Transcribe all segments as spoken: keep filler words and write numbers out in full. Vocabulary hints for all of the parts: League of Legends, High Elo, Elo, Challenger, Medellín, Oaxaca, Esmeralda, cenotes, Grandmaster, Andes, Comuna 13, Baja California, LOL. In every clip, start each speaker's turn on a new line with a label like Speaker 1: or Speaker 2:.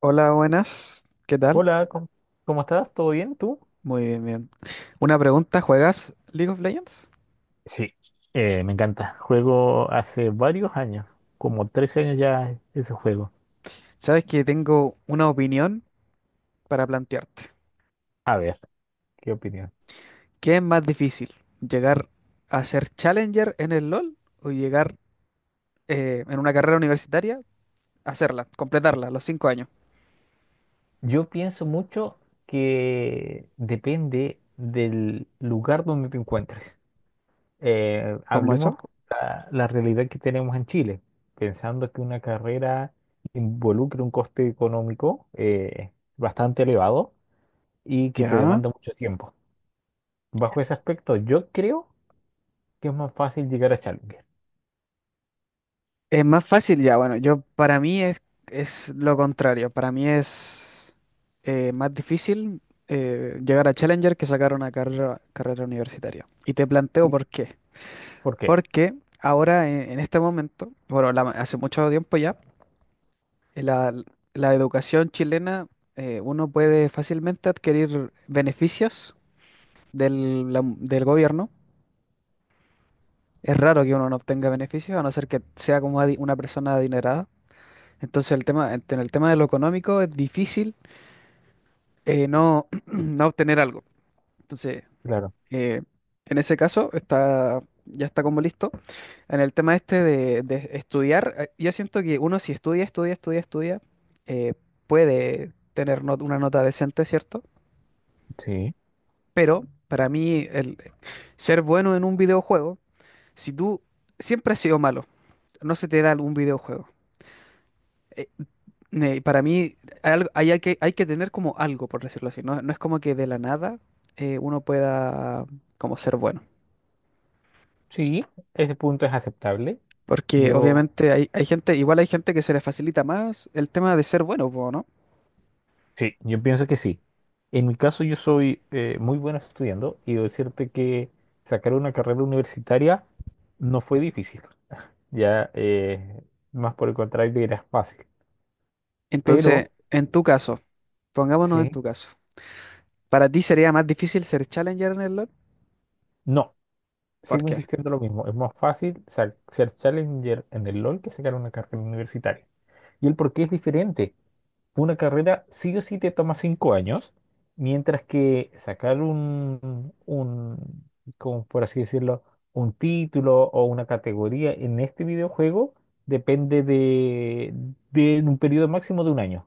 Speaker 1: Hola, buenas. ¿Qué tal?
Speaker 2: Hola, ¿cómo, cómo estás? ¿Todo bien? ¿Tú?
Speaker 1: Muy bien, bien. Una pregunta, ¿juegas League of Legends?
Speaker 2: Sí, eh, me encanta. Juego hace varios años, como trece años ya ese juego.
Speaker 1: Sabes que tengo una opinión para plantearte.
Speaker 2: A ver, ¿qué opinión?
Speaker 1: ¿Qué es más difícil? ¿Llegar a ser Challenger en el LoL o llegar eh, en una carrera universitaria, hacerla, completarla, los cinco años?
Speaker 2: Yo pienso mucho que depende del lugar donde te encuentres. Eh,
Speaker 1: ¿Cómo eso?
Speaker 2: hablemos la, la realidad que tenemos en Chile, pensando que una carrera involucra un coste económico eh, bastante elevado y que te
Speaker 1: Ya.
Speaker 2: demanda mucho tiempo. Bajo ese aspecto, yo creo que es más fácil llegar a Challenger.
Speaker 1: Es más fácil ya, bueno, yo para mí es, es lo contrario, para mí es eh, más difícil eh, llegar a Challenger que sacar una carrera, carrera universitaria. Y te planteo por qué.
Speaker 2: ¿Por qué?
Speaker 1: Porque ahora en, en este momento, bueno, la- hace mucho tiempo ya, eh, la, la educación chilena, eh, uno puede fácilmente adquirir beneficios del, la- del gobierno. Es raro que uno no obtenga beneficios, a no ser que sea como adi- una persona adinerada. Entonces, el tema, en el tema de lo económico es difícil eh, no, no obtener algo. Entonces,
Speaker 2: Claro,
Speaker 1: eh, en ese caso, está, ya está como listo. En el tema este de, de estudiar, eh, yo siento que uno si estudia, estudia, estudia, estudia, eh, puede tener not- una nota decente, ¿cierto?
Speaker 2: sí.
Speaker 1: Pero para mí, el ser bueno en un videojuego, si tú siempre has sido malo, no se te da algún videojuego. Ne- para mí algo- hay, hay que, hay que tener como algo, por decirlo así. No, no es como que de la nada eh, uno pueda como ser bueno.
Speaker 2: Sí, ese punto es aceptable.
Speaker 1: Porque
Speaker 2: Yo,
Speaker 1: obviamente hay, hay gente, igual hay gente que se le facilita más el tema de ser bueno, po, ¿no?
Speaker 2: sí, yo pienso que sí. En mi caso, yo soy eh, muy bueno estudiando y decirte que sacar una carrera universitaria no fue difícil. Ya, eh, más por el contrario, era fácil. Pero
Speaker 1: Entonces, en tu caso, pongámonos en
Speaker 2: Sí.
Speaker 1: tu caso. ¿Para ti sería más difícil ser challenger en el LoL?
Speaker 2: No,
Speaker 1: ¿Por
Speaker 2: sigo
Speaker 1: qué?
Speaker 2: insistiendo lo mismo. Es más fácil sa- ser challenger en el LOL que sacar una carrera universitaria. Y el por qué es diferente. Una carrera sí o sí te toma cinco años, mientras que sacar un, un, como por así decirlo, un título o una categoría en este videojuego depende de, de un periodo máximo de un año.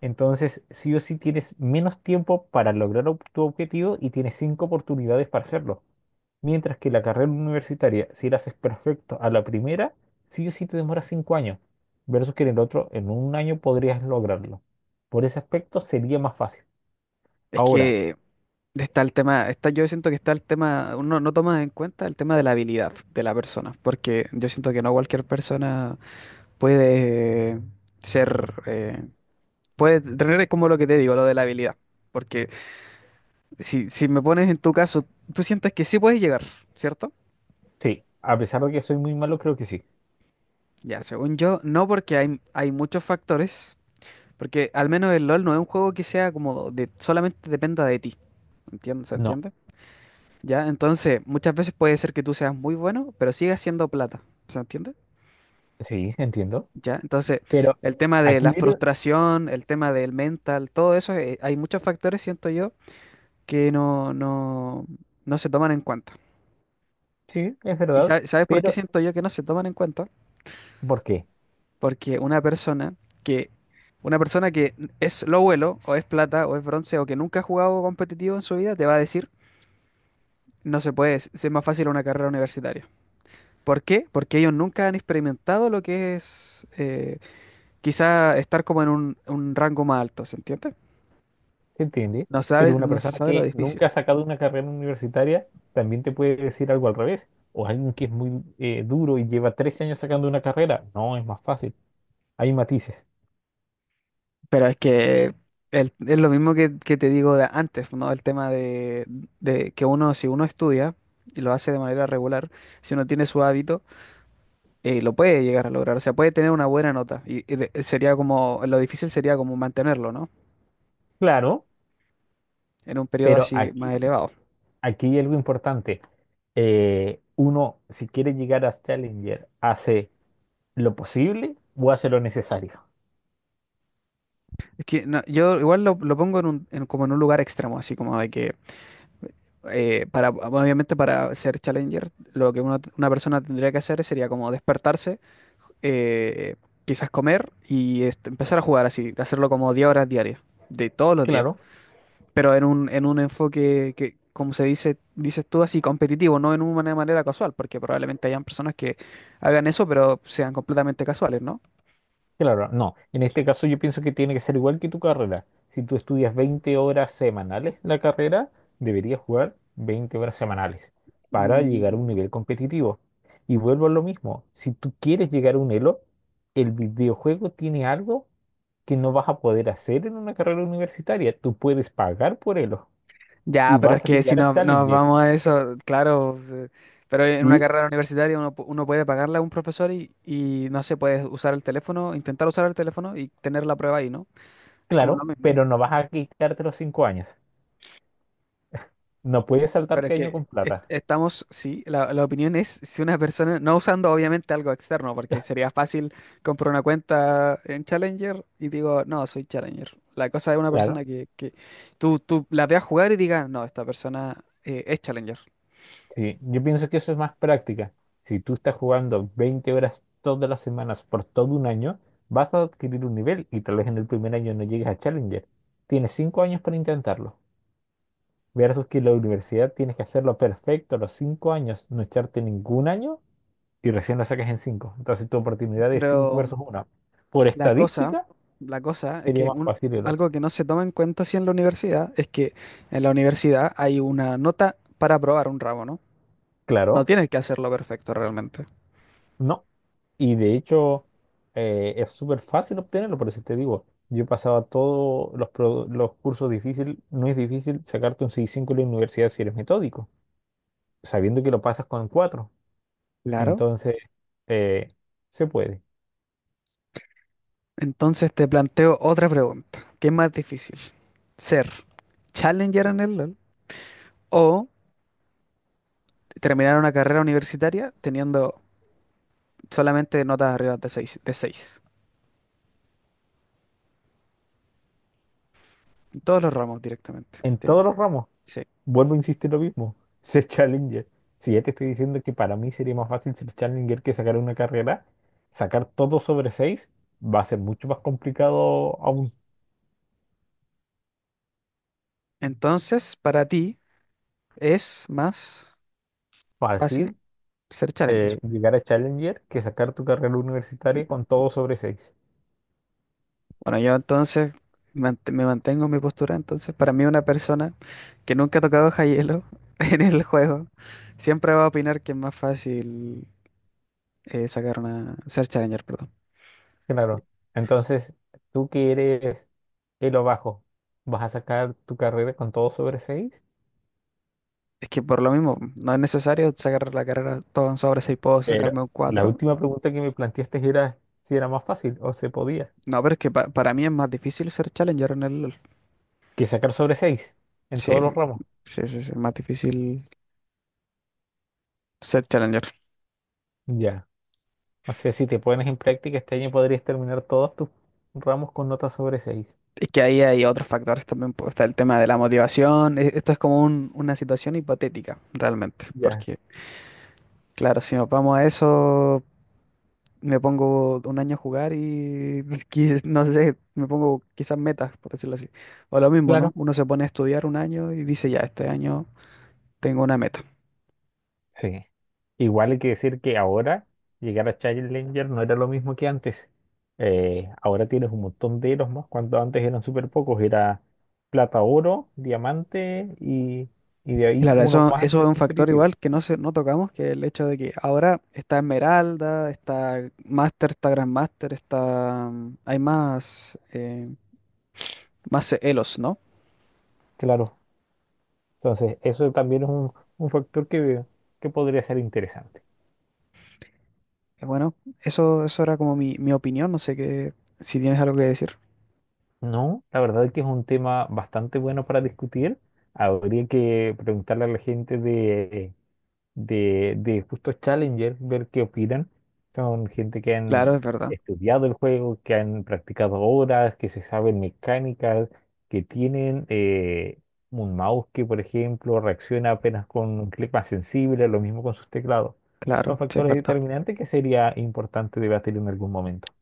Speaker 2: Entonces, sí o sí tienes menos tiempo para lograr ob- tu objetivo y tienes cinco oportunidades para hacerlo. Mientras que la carrera universitaria, si la haces perfecto a la primera, sí o sí te demora cinco años, versus que en el otro, en un año podrías lograrlo. Por ese aspecto sería más fácil.
Speaker 1: Es
Speaker 2: Ahora,
Speaker 1: que está el tema, está, yo siento que está el tema, uno no toma en cuenta el tema de la habilidad de la persona, porque yo siento que no cualquier persona puede ser, eh, puede tener como lo que te digo, lo de la habilidad. Porque si, si me pones en tu caso, tú sientes que sí puedes llegar, ¿cierto?
Speaker 2: sí, a pesar de que soy muy malo, creo que sí.
Speaker 1: Ya, según yo, no porque hay, hay muchos factores, porque al menos el LOL no es un juego que sea como de, solamente dependa de ti. ¿Entiendes? ¿Se
Speaker 2: No,
Speaker 1: entiende? Ya, entonces muchas veces puede ser que tú seas muy bueno, pero sigas siendo plata. ¿Se entiende?
Speaker 2: sí, entiendo.
Speaker 1: Ya, entonces
Speaker 2: Pero
Speaker 1: el tema de
Speaker 2: aquí
Speaker 1: la
Speaker 2: viene,
Speaker 1: frustración, el tema del mental, todo eso, eh, hay muchos factores, siento yo, que no, no, no se toman en cuenta.
Speaker 2: sí, es
Speaker 1: ¿Y
Speaker 2: verdad,
Speaker 1: sa- sabes por qué
Speaker 2: pero
Speaker 1: siento yo que no se toman en cuenta?
Speaker 2: ¿por qué?
Speaker 1: Porque una persona que, una persona que es lo vuelo, o es plata, o es bronce, o que nunca ha jugado competitivo en su vida, te va a decir, no se puede, es más fácil una carrera universitaria. ¿Por qué? Porque ellos nunca han experimentado lo que es eh, quizá estar como en un, un rango más alto, ¿se entiende?
Speaker 2: ¿Se entiende?
Speaker 1: No
Speaker 2: Pero
Speaker 1: saben,
Speaker 2: una
Speaker 1: no se
Speaker 2: persona
Speaker 1: sabe lo
Speaker 2: que
Speaker 1: difícil.
Speaker 2: nunca ha sacado una carrera universitaria también te puede decir algo al revés. O alguien que es muy eh, duro y lleva trece años sacando una carrera, no, es más fácil. Hay matices.
Speaker 1: Pero es que el- es lo mismo que, que te digo de antes, ¿no? El tema de, de que uno, si uno estudia y lo hace de manera regular, si uno tiene su hábito, eh, lo puede llegar a lograr. O sea, puede tener una buena nota. Y, y de- sería como, lo difícil sería como mantenerlo, ¿no?
Speaker 2: Claro,
Speaker 1: En un periodo
Speaker 2: pero
Speaker 1: así más
Speaker 2: aquí,
Speaker 1: elevado.
Speaker 2: aquí hay algo importante. Eh, uno, si quiere llegar a Challenger, hace lo posible o hace lo necesario.
Speaker 1: Es que no, yo igual lo, lo pongo en un, en- como en un lugar extremo, así como de que, eh, para, obviamente para ser challenger, lo que uno- una persona tendría que hacer sería como despertarse. eh, quizás comer y este, empezar a jugar así, hacerlo como diez horas diarias, de todos los días,
Speaker 2: Claro,
Speaker 1: pero en un, en un enfoque que, como se dice, dices tú, así competitivo, no en una manera casual, porque probablemente hayan personas que hagan eso, pero sean completamente casuales, ¿no?
Speaker 2: claro, no. En este caso yo pienso que tiene que ser igual que tu carrera. Si tú estudias veinte horas semanales la carrera, deberías jugar veinte horas semanales para llegar a un
Speaker 1: Mm,
Speaker 2: nivel competitivo. Y vuelvo a lo mismo, si tú quieres llegar a un Elo, el videojuego tiene algo que no vas a poder hacer en una carrera universitaria. Tú puedes pagar por ello
Speaker 1: ya,
Speaker 2: y
Speaker 1: pero es
Speaker 2: vas a
Speaker 1: que si
Speaker 2: llegar a
Speaker 1: no, nos
Speaker 2: Challenger.
Speaker 1: vamos a eso, claro, eh, pero en una
Speaker 2: Y
Speaker 1: carrera universitaria uno, pu- uno puede pagarle a un profesor y, y no sé, puedes usar el teléfono, intentar usar el teléfono y tener la prueba ahí, ¿no? Es como lo
Speaker 2: claro,
Speaker 1: mismo.
Speaker 2: pero no vas a quitarte los cinco años. No puedes
Speaker 1: Pero es
Speaker 2: saltarte año
Speaker 1: que
Speaker 2: con
Speaker 1: est-
Speaker 2: plata.
Speaker 1: estamos, sí, la, la opinión es si una persona, no usando obviamente algo externo, porque sería fácil comprar una cuenta en Challenger y digo, no, soy Challenger. La cosa es una
Speaker 2: Claro,
Speaker 1: persona que, que tú, tú la veas jugar y digas, no, esta persona eh, es Challenger.
Speaker 2: sí. Yo pienso que eso es más práctica. Si tú estás jugando veinte horas todas las semanas por todo un año, vas a adquirir un nivel y tal vez en el primer año no llegues a Challenger. Tienes cinco años para intentarlo. Versus que la universidad tienes que hacerlo perfecto a los cinco años, no echarte ningún año y recién la saques en cinco. Entonces tu oportunidad es cinco
Speaker 1: Pero
Speaker 2: versus uno. Por
Speaker 1: la cosa,
Speaker 2: estadística
Speaker 1: la cosa es
Speaker 2: sería
Speaker 1: que
Speaker 2: más
Speaker 1: un,
Speaker 2: fácil el otro.
Speaker 1: algo que no se toma en cuenta así en la universidad es que en la universidad hay una nota para aprobar un ramo, ¿no? No
Speaker 2: Claro,
Speaker 1: tienes que hacerlo perfecto realmente.
Speaker 2: no. Y de hecho eh, es súper fácil obtenerlo, por eso te digo, yo pasaba todos los, pro- los cursos difíciles, no es difícil sacarte un seis cinco en la universidad si eres metódico, sabiendo que lo pasas con cuatro.
Speaker 1: Claro.
Speaker 2: Entonces, eh, se puede.
Speaker 1: Entonces te planteo otra pregunta. ¿Qué es más difícil? ¿Ser Challenger en el LOL o terminar una carrera universitaria teniendo solamente notas arriba de seis, de seis? En todos los ramos directamente.
Speaker 2: En
Speaker 1: Tien-
Speaker 2: todos los ramos.
Speaker 1: Sí.
Speaker 2: Vuelvo a insistir lo mismo. Ser Challenger. Si ya te estoy diciendo que para mí sería más fácil ser Challenger que sacar una carrera, sacar todo sobre seis, va a ser mucho más complicado, aún
Speaker 1: Entonces, para ti es más
Speaker 2: fácil,
Speaker 1: fácil ser Challenger.
Speaker 2: eh, llegar a Challenger que sacar tu carrera universitaria con todo sobre seis.
Speaker 1: Bueno, yo entonces mant- me mantengo en mi postura. Entonces, para mí una persona que nunca ha tocado High Elo en el juego siempre va a opinar que es más fácil eh, sacar una ser Challenger, perdón.
Speaker 2: Claro. Entonces, tú que eres el o bajo, ¿vas a sacar tu carrera con todo sobre seis?
Speaker 1: Es que por lo mismo, no es necesario sacar la carrera todo en sobre seis, puedo
Speaker 2: Pero
Speaker 1: sacarme un
Speaker 2: la
Speaker 1: cuatro.
Speaker 2: última pregunta que me planteaste era si era más fácil o se podía
Speaker 1: No, pero es que pa- para mí es más difícil ser Challenger en el LoL.
Speaker 2: que sacar sobre seis en
Speaker 1: Sí,
Speaker 2: todos los ramos.
Speaker 1: sí, sí, sí, es más difícil ser Challenger.
Speaker 2: Ya. O sea, si te pones en práctica, este año podrías terminar todos tus ramos con nota sobre seis.
Speaker 1: Es que ahí hay otros factores también, pues, está el tema de la motivación. e- Esto es como un- una situación hipotética, realmente.
Speaker 2: Ya,
Speaker 1: Porque, claro, si nos vamos a eso, me pongo un año a jugar y quiz- no sé, me pongo quizás metas, por decirlo así. O lo mismo, ¿no?
Speaker 2: claro.
Speaker 1: Uno se pone a estudiar un año y dice, ya, este año tengo una meta.
Speaker 2: Sí. Igual hay que decir que ahora llegar a Challenger no era lo mismo que antes. Eh, ahora tienes un montón de eros más, cuando antes eran súper pocos. Era plata, oro, diamante y, y de ahí
Speaker 1: Claro,
Speaker 2: uno
Speaker 1: eso,
Speaker 2: más antes
Speaker 1: eso es
Speaker 2: del
Speaker 1: un factor
Speaker 2: competitivo.
Speaker 1: igual que no, se, no tocamos, que el hecho de que ahora está Esmeralda, está Master, está Grandmaster, está... mm, hay más, eh, más Elos, ¿no?
Speaker 2: Claro. Entonces, eso también es un, un factor que, que podría ser interesante.
Speaker 1: Eh, Bueno, eso, eso era como mi, mi opinión, no sé qué, si tienes algo que decir.
Speaker 2: No, la verdad es que es un tema bastante bueno para discutir. Habría que preguntarle a la gente de, de, de justo Challenger, ver qué opinan. Son gente que
Speaker 1: Claro, es
Speaker 2: han
Speaker 1: verdad,
Speaker 2: estudiado el juego, que han practicado horas, que se saben mecánicas, que tienen eh, un mouse que, por ejemplo, reacciona apenas con un clic más sensible, lo mismo con sus teclados.
Speaker 1: claro,
Speaker 2: Son
Speaker 1: sí, es
Speaker 2: factores
Speaker 1: verdad.
Speaker 2: determinantes que sería importante debatir en algún momento.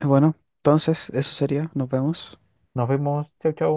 Speaker 1: Bueno, entonces eso sería. Nos vemos.
Speaker 2: Nos vemos. Chau, chau.